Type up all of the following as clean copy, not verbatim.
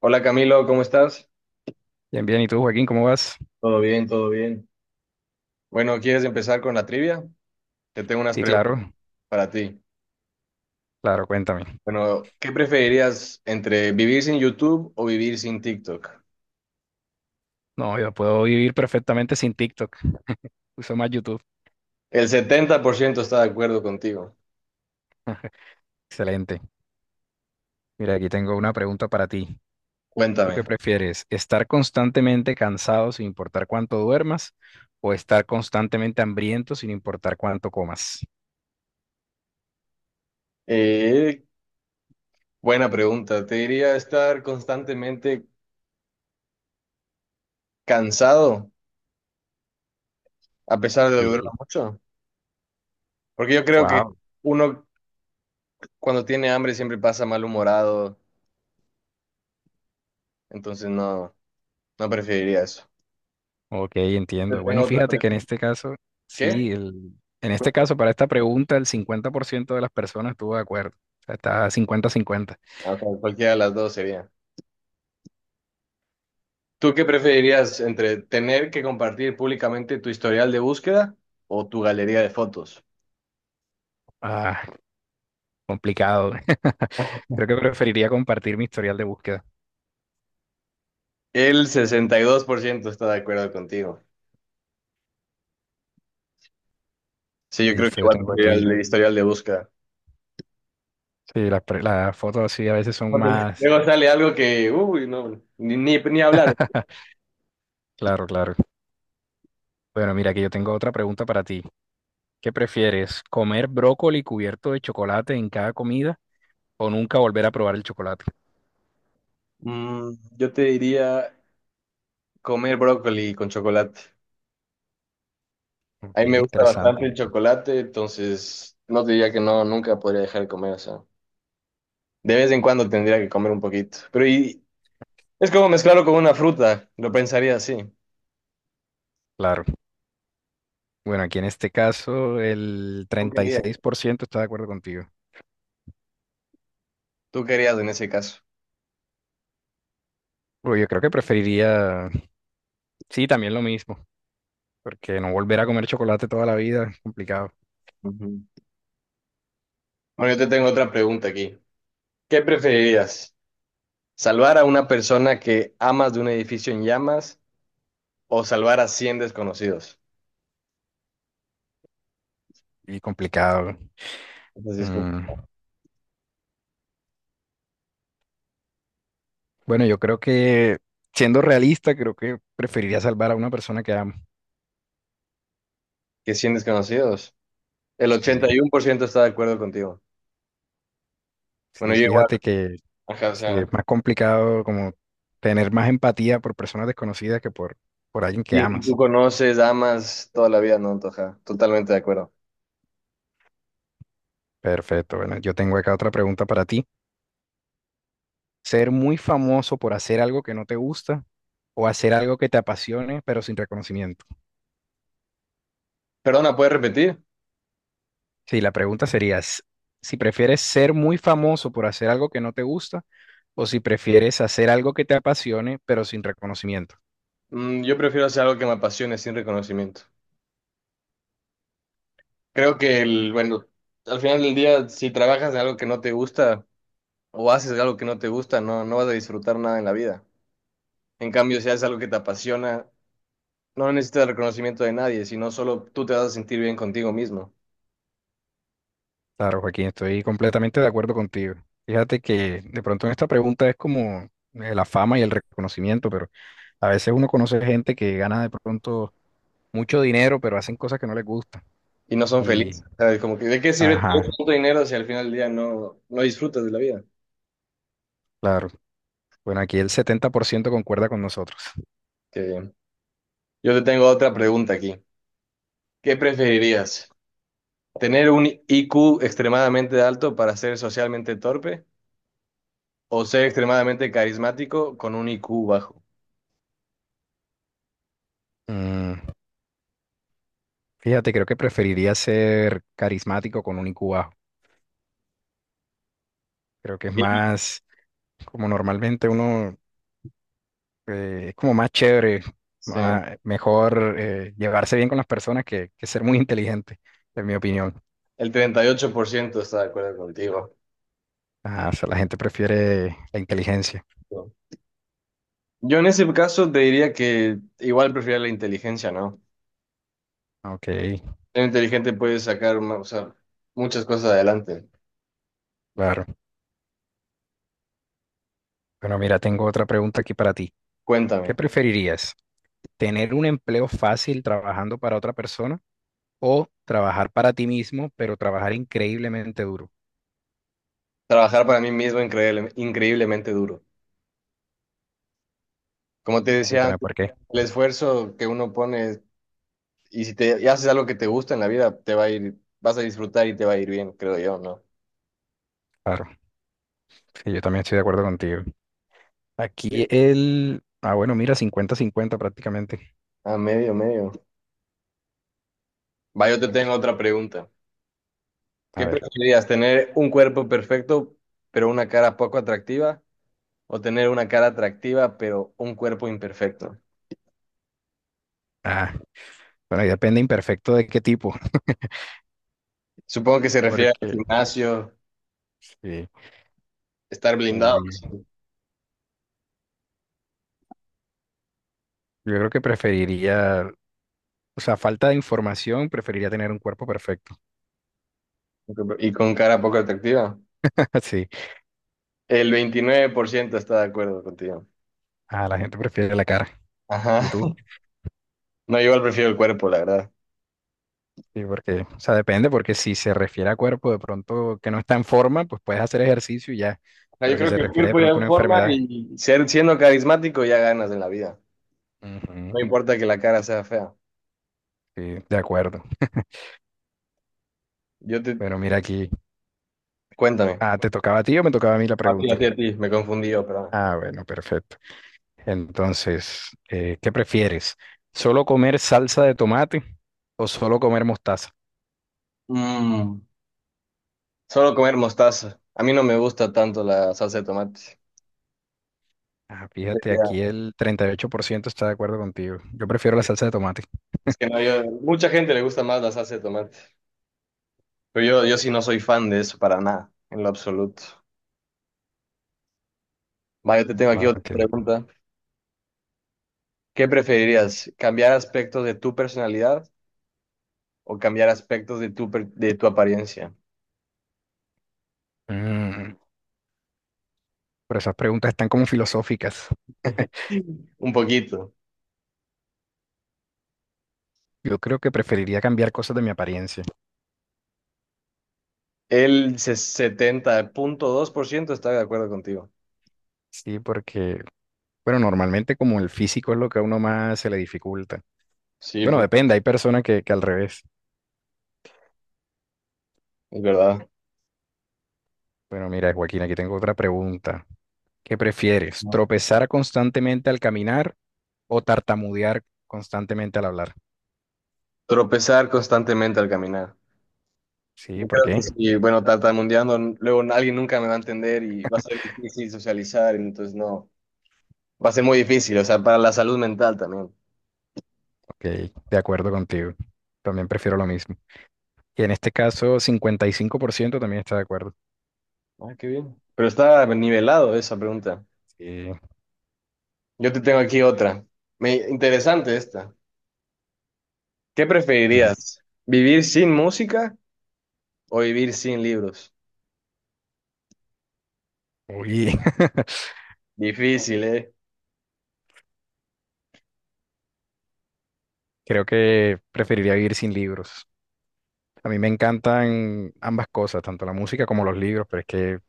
Hola Camilo, ¿cómo estás? Bien, bien. ¿Y tú, Joaquín, cómo vas? Todo bien, todo bien. Bueno, ¿quieres empezar con la trivia? Te tengo unas Sí, preguntas claro, para ti. claro, cuéntame. Bueno, ¿qué preferirías entre vivir sin YouTube o vivir sin TikTok? No, yo puedo vivir perfectamente sin TikTok. Uso más YouTube. El 70% está de acuerdo contigo. Excelente. Mira, aquí tengo una pregunta para ti. ¿Tú qué Cuéntame. prefieres? ¿Estar constantemente cansado sin importar cuánto duermas o estar constantemente hambriento sin importar cuánto comas? Eh, Buena pregunta. ¿Te diría estar constantemente cansado a pesar de que duerma Sí. mucho? Porque yo creo que Wow. uno cuando tiene hambre siempre pasa malhumorado, entonces no, no preferiría eso. Ok, Te entiendo. tengo Bueno, otra fíjate que en pregunta. este caso, ¿Qué? sí, en este caso, para esta pregunta, el 50% de las personas estuvo de acuerdo. O sea, está 50-50. O sea, cualquiera de las dos sería. ¿Tú qué preferirías entre tener que compartir públicamente tu historial de búsqueda o tu galería de fotos? Ah, complicado. Creo que preferiría compartir mi historial de búsqueda. El 62% está de acuerdo contigo. Sí, yo creo que Listo, yo igual tengo preferiría aquí. el historial de búsqueda. Sí, las fotos así a veces son más. Luego sale algo que, uy, no, ni hablar. Claro, claro. Bueno, mira, que yo tengo otra pregunta para ti. ¿Qué prefieres? ¿Comer brócoli cubierto de chocolate en cada comida o nunca volver a probar el chocolate? Mm, yo te diría comer brócoli con chocolate. A Ok, mí me gusta bastante interesante. el chocolate, entonces no te diría que no, nunca podría dejar de comer, o sea, de vez en cuando tendría que comer un poquito. Pero ¿y, es como mezclarlo con una fruta, lo pensaría así. Claro. Bueno, aquí en este caso el Tú treinta y querías, seis por ciento está de acuerdo contigo. tú querías en ese caso. Uy, yo creo que preferiría, sí, también lo mismo, porque no volver a comer chocolate toda la vida es complicado. Ujú. Bueno, yo te tengo otra pregunta aquí. ¿Qué preferirías? ¿Salvar a una persona que amas de un edificio en llamas o salvar a 100 desconocidos? Y complicado. Entonces, como, Mm, Bueno, yo creo que, siendo realista, creo que preferiría salvar a una persona que amo. ¿qué 100 desconocidos? El Sí, 81% está de acuerdo contigo. Bueno, sí, yo igual, fíjate que ajá, o sí, sea, es más complicado como tener más empatía por personas desconocidas que por alguien que alguien que tú amas. conoces, amas toda la vida, no, Antoja, totalmente de acuerdo. Perfecto. Bueno, yo tengo acá otra pregunta para ti. ¿Ser muy famoso por hacer algo que no te gusta o hacer algo que te apasione pero sin reconocimiento? Perdona, ¿puedes repetir? Sí, la pregunta sería si prefieres ser muy famoso por hacer algo que no te gusta o si prefieres hacer algo que te apasione pero sin reconocimiento. Mm, yo prefiero hacer algo que me apasione sin reconocimiento. Creo que el, bueno, al final del día, si trabajas de algo que no te gusta o haces algo que no te gusta, no, no vas a disfrutar nada en la vida. En cambio, si haces algo que te apasiona, no necesitas el reconocimiento de nadie, sino solo tú te vas a sentir bien contigo mismo Claro, Joaquín, estoy completamente de acuerdo contigo. Fíjate que de pronto en esta pregunta es como la fama y el reconocimiento, pero a veces uno conoce gente que gana de pronto mucho dinero pero hacen cosas que no les gustan. y no son felices. Y, O sea, es como que, ¿de qué sirve tener ajá, tanto dinero si al final del día no, no disfrutas de la vida? claro. Bueno, aquí el 70% concuerda con nosotros. Qué bien. Yo te tengo otra pregunta aquí. ¿Qué preferirías? ¿Tener un IQ extremadamente alto para ser socialmente torpe o ser extremadamente carismático con un IQ bajo? Mm, fíjate, creo que preferiría ser carismático con un IQ bajo. Creo que es más como normalmente uno, es como más chévere, Sí, mejor llevarse bien con las personas que ser muy inteligente, en mi opinión. el 38% está de acuerdo contigo. Ah, o sea, la gente prefiere la inteligencia. Yo en ese caso te diría que igual prefiero la inteligencia, ¿no? Ok, Ser inteligente puede sacar, ma- o sea, muchas cosas adelante. claro. Bueno, mira, tengo otra pregunta aquí para ti. ¿Qué Cuéntame. preferirías? ¿Tener un empleo fácil trabajando para otra persona o trabajar para ti mismo, pero trabajar increíblemente duro? Trabajar para mí mismo increíble- increíblemente duro. Como te decía Cuéntame antes, por qué. el esfuerzo que uno pone y si te y haces algo que te gusta en la vida, te va a ir, vas a disfrutar y te va a ir bien, creo yo, ¿no? Claro, sí, yo también estoy de acuerdo contigo. Ah, bueno, mira, 50-50 prácticamente. A medio, medio. Va, yo te tengo otra pregunta. A ¿Qué ver. preferirías? ¿Tener un cuerpo perfecto pero una cara poco atractiva? ¿O tener una cara atractiva pero un cuerpo imperfecto? Ah, bueno, ahí depende imperfecto de qué tipo, Supongo que se refiere al porque gimnasio, sí. estar blindado Uy, yo creo que preferiría, o sea, falta de información, preferiría tener un cuerpo perfecto. y con cara poco atractiva. Sí. El 29% está de acuerdo contigo. Ah, la gente prefiere la cara. Ajá. ¿Y tú? No, yo igual prefiero el cuerpo, la verdad. Sí, porque, o sea, depende, porque si se refiere a cuerpo de pronto que no está en forma, pues puedes hacer ejercicio y ya. O sea, yo Pero si creo se que el refiere de cuerpo ya pronto a en una forma enfermedad. y ser, siendo carismático ya ganas en la vida. No Ujú, importa que la cara sea fea. sí, de acuerdo. Yo te... Pero mira aquí. Cuéntame. Ah, ¿te tocaba a ti o me tocaba a mí la A ti, a pregunta? ti, a ti. Me confundí yo, pero... Ah, bueno, perfecto. Entonces, ¿qué prefieres? ¿Solo comer salsa de tomate o solo comer mostaza? Mm. Solo comer mostaza. A mí no me gusta tanto la salsa de tomate. Ah, Entonces, fíjate, ya, aquí el 38% está de acuerdo contigo. Yo prefiero la salsa de tomate. es que no, yo, mucha gente le gusta más la salsa de tomate. Pero yo sí no soy fan de eso para nada, en lo absoluto. Va, yo te tengo aquí Claro, otra entiendo. pregunta. ¿Qué preferirías? ¿Cambiar aspectos de tu personalidad o cambiar aspectos de tu, per- de tu apariencia? Mm, pero esas preguntas están como filosóficas. Un poquito. Yo creo que preferiría cambiar cosas de mi apariencia. El se- 70,2% está de acuerdo contigo. Sí, porque, bueno, normalmente como el físico es lo que a uno más se le dificulta. Sí, Bueno, porque depende, hay personas que al revés. es verdad. Bueno, mira, Joaquín, aquí tengo otra pregunta. ¿Qué prefieres? No. ¿Tropezar constantemente al caminar o tartamudear constantemente al hablar? Tropezar constantemente al caminar. Sí, Yo ¿por creo que qué? sí, bueno, tartamudeando, luego alguien nunca me va a entender y va a ser difícil socializar, entonces no, va a ser muy difícil, o sea, para la salud mental también. Ok, de acuerdo contigo. También prefiero lo mismo. Y en este caso, 55% también está de acuerdo. Ah, qué bien. Pero está nivelado esa pregunta. Sí. Yo te tengo aquí otra. Me, interesante esta. ¿Qué Ujú. preferirías? ¿Vivir sin música o vivir sin libros? Uy, Difícil, ¿eh? creo que preferiría vivir sin libros. A mí me encantan ambas cosas, tanto la música como los libros, pero es que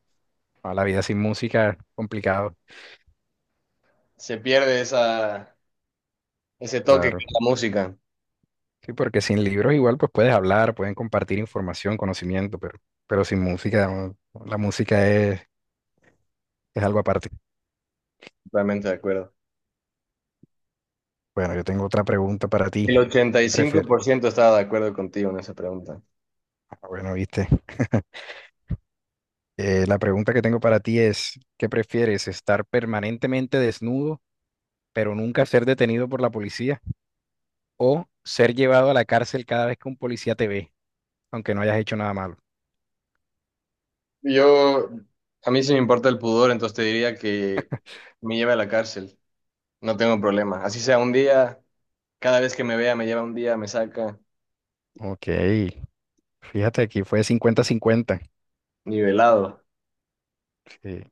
a la vida sin música es complicado. Se pierde esa, ese toque que Claro. es la música. Sí, porque sin libros igual pues puedes hablar, pueden compartir información, conocimiento, pero sin música, no, la música es algo aparte. Totalmente de acuerdo. Bueno, yo tengo otra pregunta para ti. El ¿Qué prefieres? 85% estaba de acuerdo contigo en esa pregunta. Ah, bueno, viste. La pregunta que tengo para ti es, ¿qué prefieres? ¿Estar permanentemente desnudo, pero nunca ser detenido por la policía? ¿O ser llevado a la cárcel cada vez que un policía te ve, aunque no hayas hecho nada malo? Yo, a mí sí me importa el pudor, entonces te diría que me lleve a la cárcel. No tengo problema. Así sea un día, cada vez que me vea me lleva un día, me saca Ok, fíjate, aquí fue 50-50. nivelado. Sí,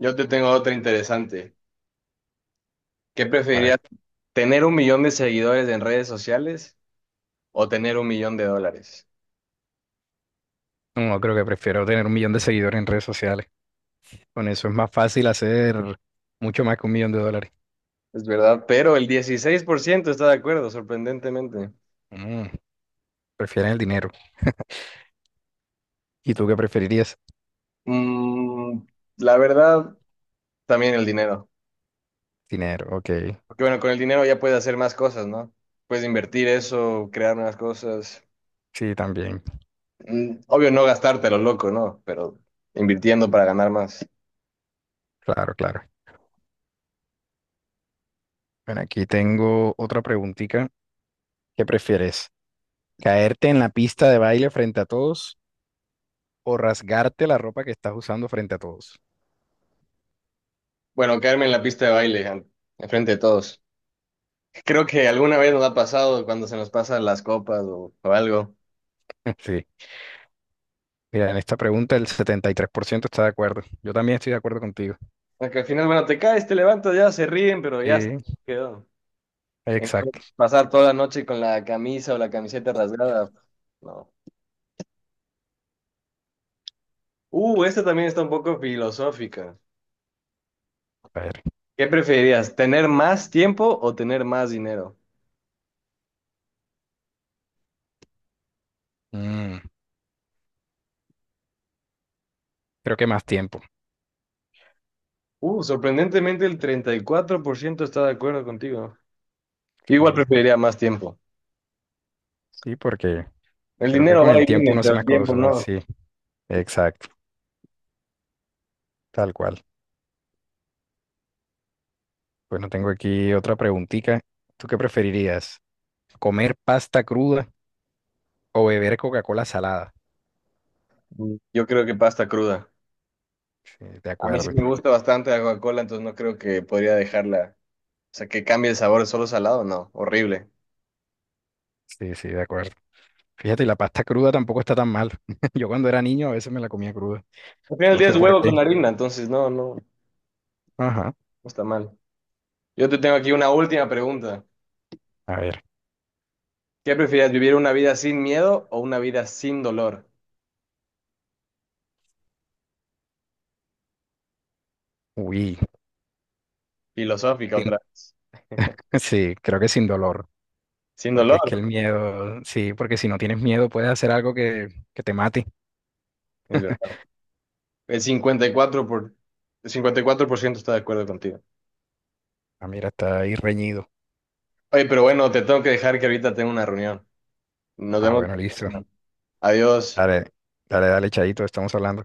Yo te tengo otra interesante. ¿Qué a preferirías, ver. tener 1 millón de seguidores en redes sociales o tener 1 millón de dólares? No, creo que prefiero tener 1 millón de seguidores en redes sociales. Con eso es más fácil hacer mucho más que 1 millón de dólares. Es verdad, pero el 16% está de acuerdo, sorprendentemente. Mm, prefieren el dinero. ¿Y tú qué preferirías? Mm, la verdad, también el dinero. Dinero, ok. Porque bueno, con el dinero ya puedes hacer más cosas, ¿no? Puedes invertir eso, crear nuevas cosas. Sí, también. Mm, obvio no gastártelo, loco, ¿no? Pero invirtiendo para ganar más. Claro, claro. Bueno, aquí tengo otra preguntita. ¿Qué prefieres? ¿Caerte en la pista de baile frente a todos o rasgarte la ropa que estás usando frente a todos? Bueno, caerme en la pista de baile, an- enfrente de todos. Creo que alguna vez nos ha pasado cuando se nos pasan las copas o algo. Sí. Mira, en esta pregunta el 73% está de acuerdo. Yo también estoy de acuerdo contigo. Porque al final, bueno, te caes, te levantas, ya se ríen, pero ya se Sí, quedó. En cambio, exacto. pasar toda la noche con la camisa o la camiseta rasgada, no. Esta también está un poco filosófica. A ver. ¿Qué preferirías, tener más tiempo o tener más dinero? Mm, creo que más tiempo. Sorprendentemente el 34% está de acuerdo contigo. Yo igual Sí, preferiría más tiempo. sí, porque El creo que dinero con va el y tiempo viene, uno hace pero el más tiempo cosas, no. sí, exacto, tal cual. Bueno, tengo aquí otra preguntita. ¿Tú qué preferirías? ¿Comer pasta cruda o beber Coca-Cola salada? Yo creo que pasta cruda. Sí, de A mí sí acuerdo. me gusta bastante la Coca-Cola, entonces no creo que podría dejarla. O sea, que cambie el sabor solo salado, no, horrible. Sí, sí, de acuerdo. Fíjate, y la pasta cruda tampoco está tan mal. Yo cuando era niño a veces me la comía cruda. Al final del No día sé es por huevo qué. con harina, entonces no Ajá. está mal. Yo te tengo aquí una última pregunta. A ver. ¿Qué prefieres, vivir una vida sin miedo o una vida sin dolor? Uy. Filosófica sin- otra vez. Sí, creo que sin dolor. Sin Porque dolor, es que el miedo, sí, porque si no tienes miedo puedes hacer algo que te mate. es verdad. El 54 por, el 54% está de acuerdo contigo. Ah, mira, está ahí reñido. Oye, pero bueno, te tengo que dejar que ahorita tengo una reunión. Nos Ah, vemos bueno, la listo. próxima. Adiós. Dale, dale, dale, Chaito, estamos hablando.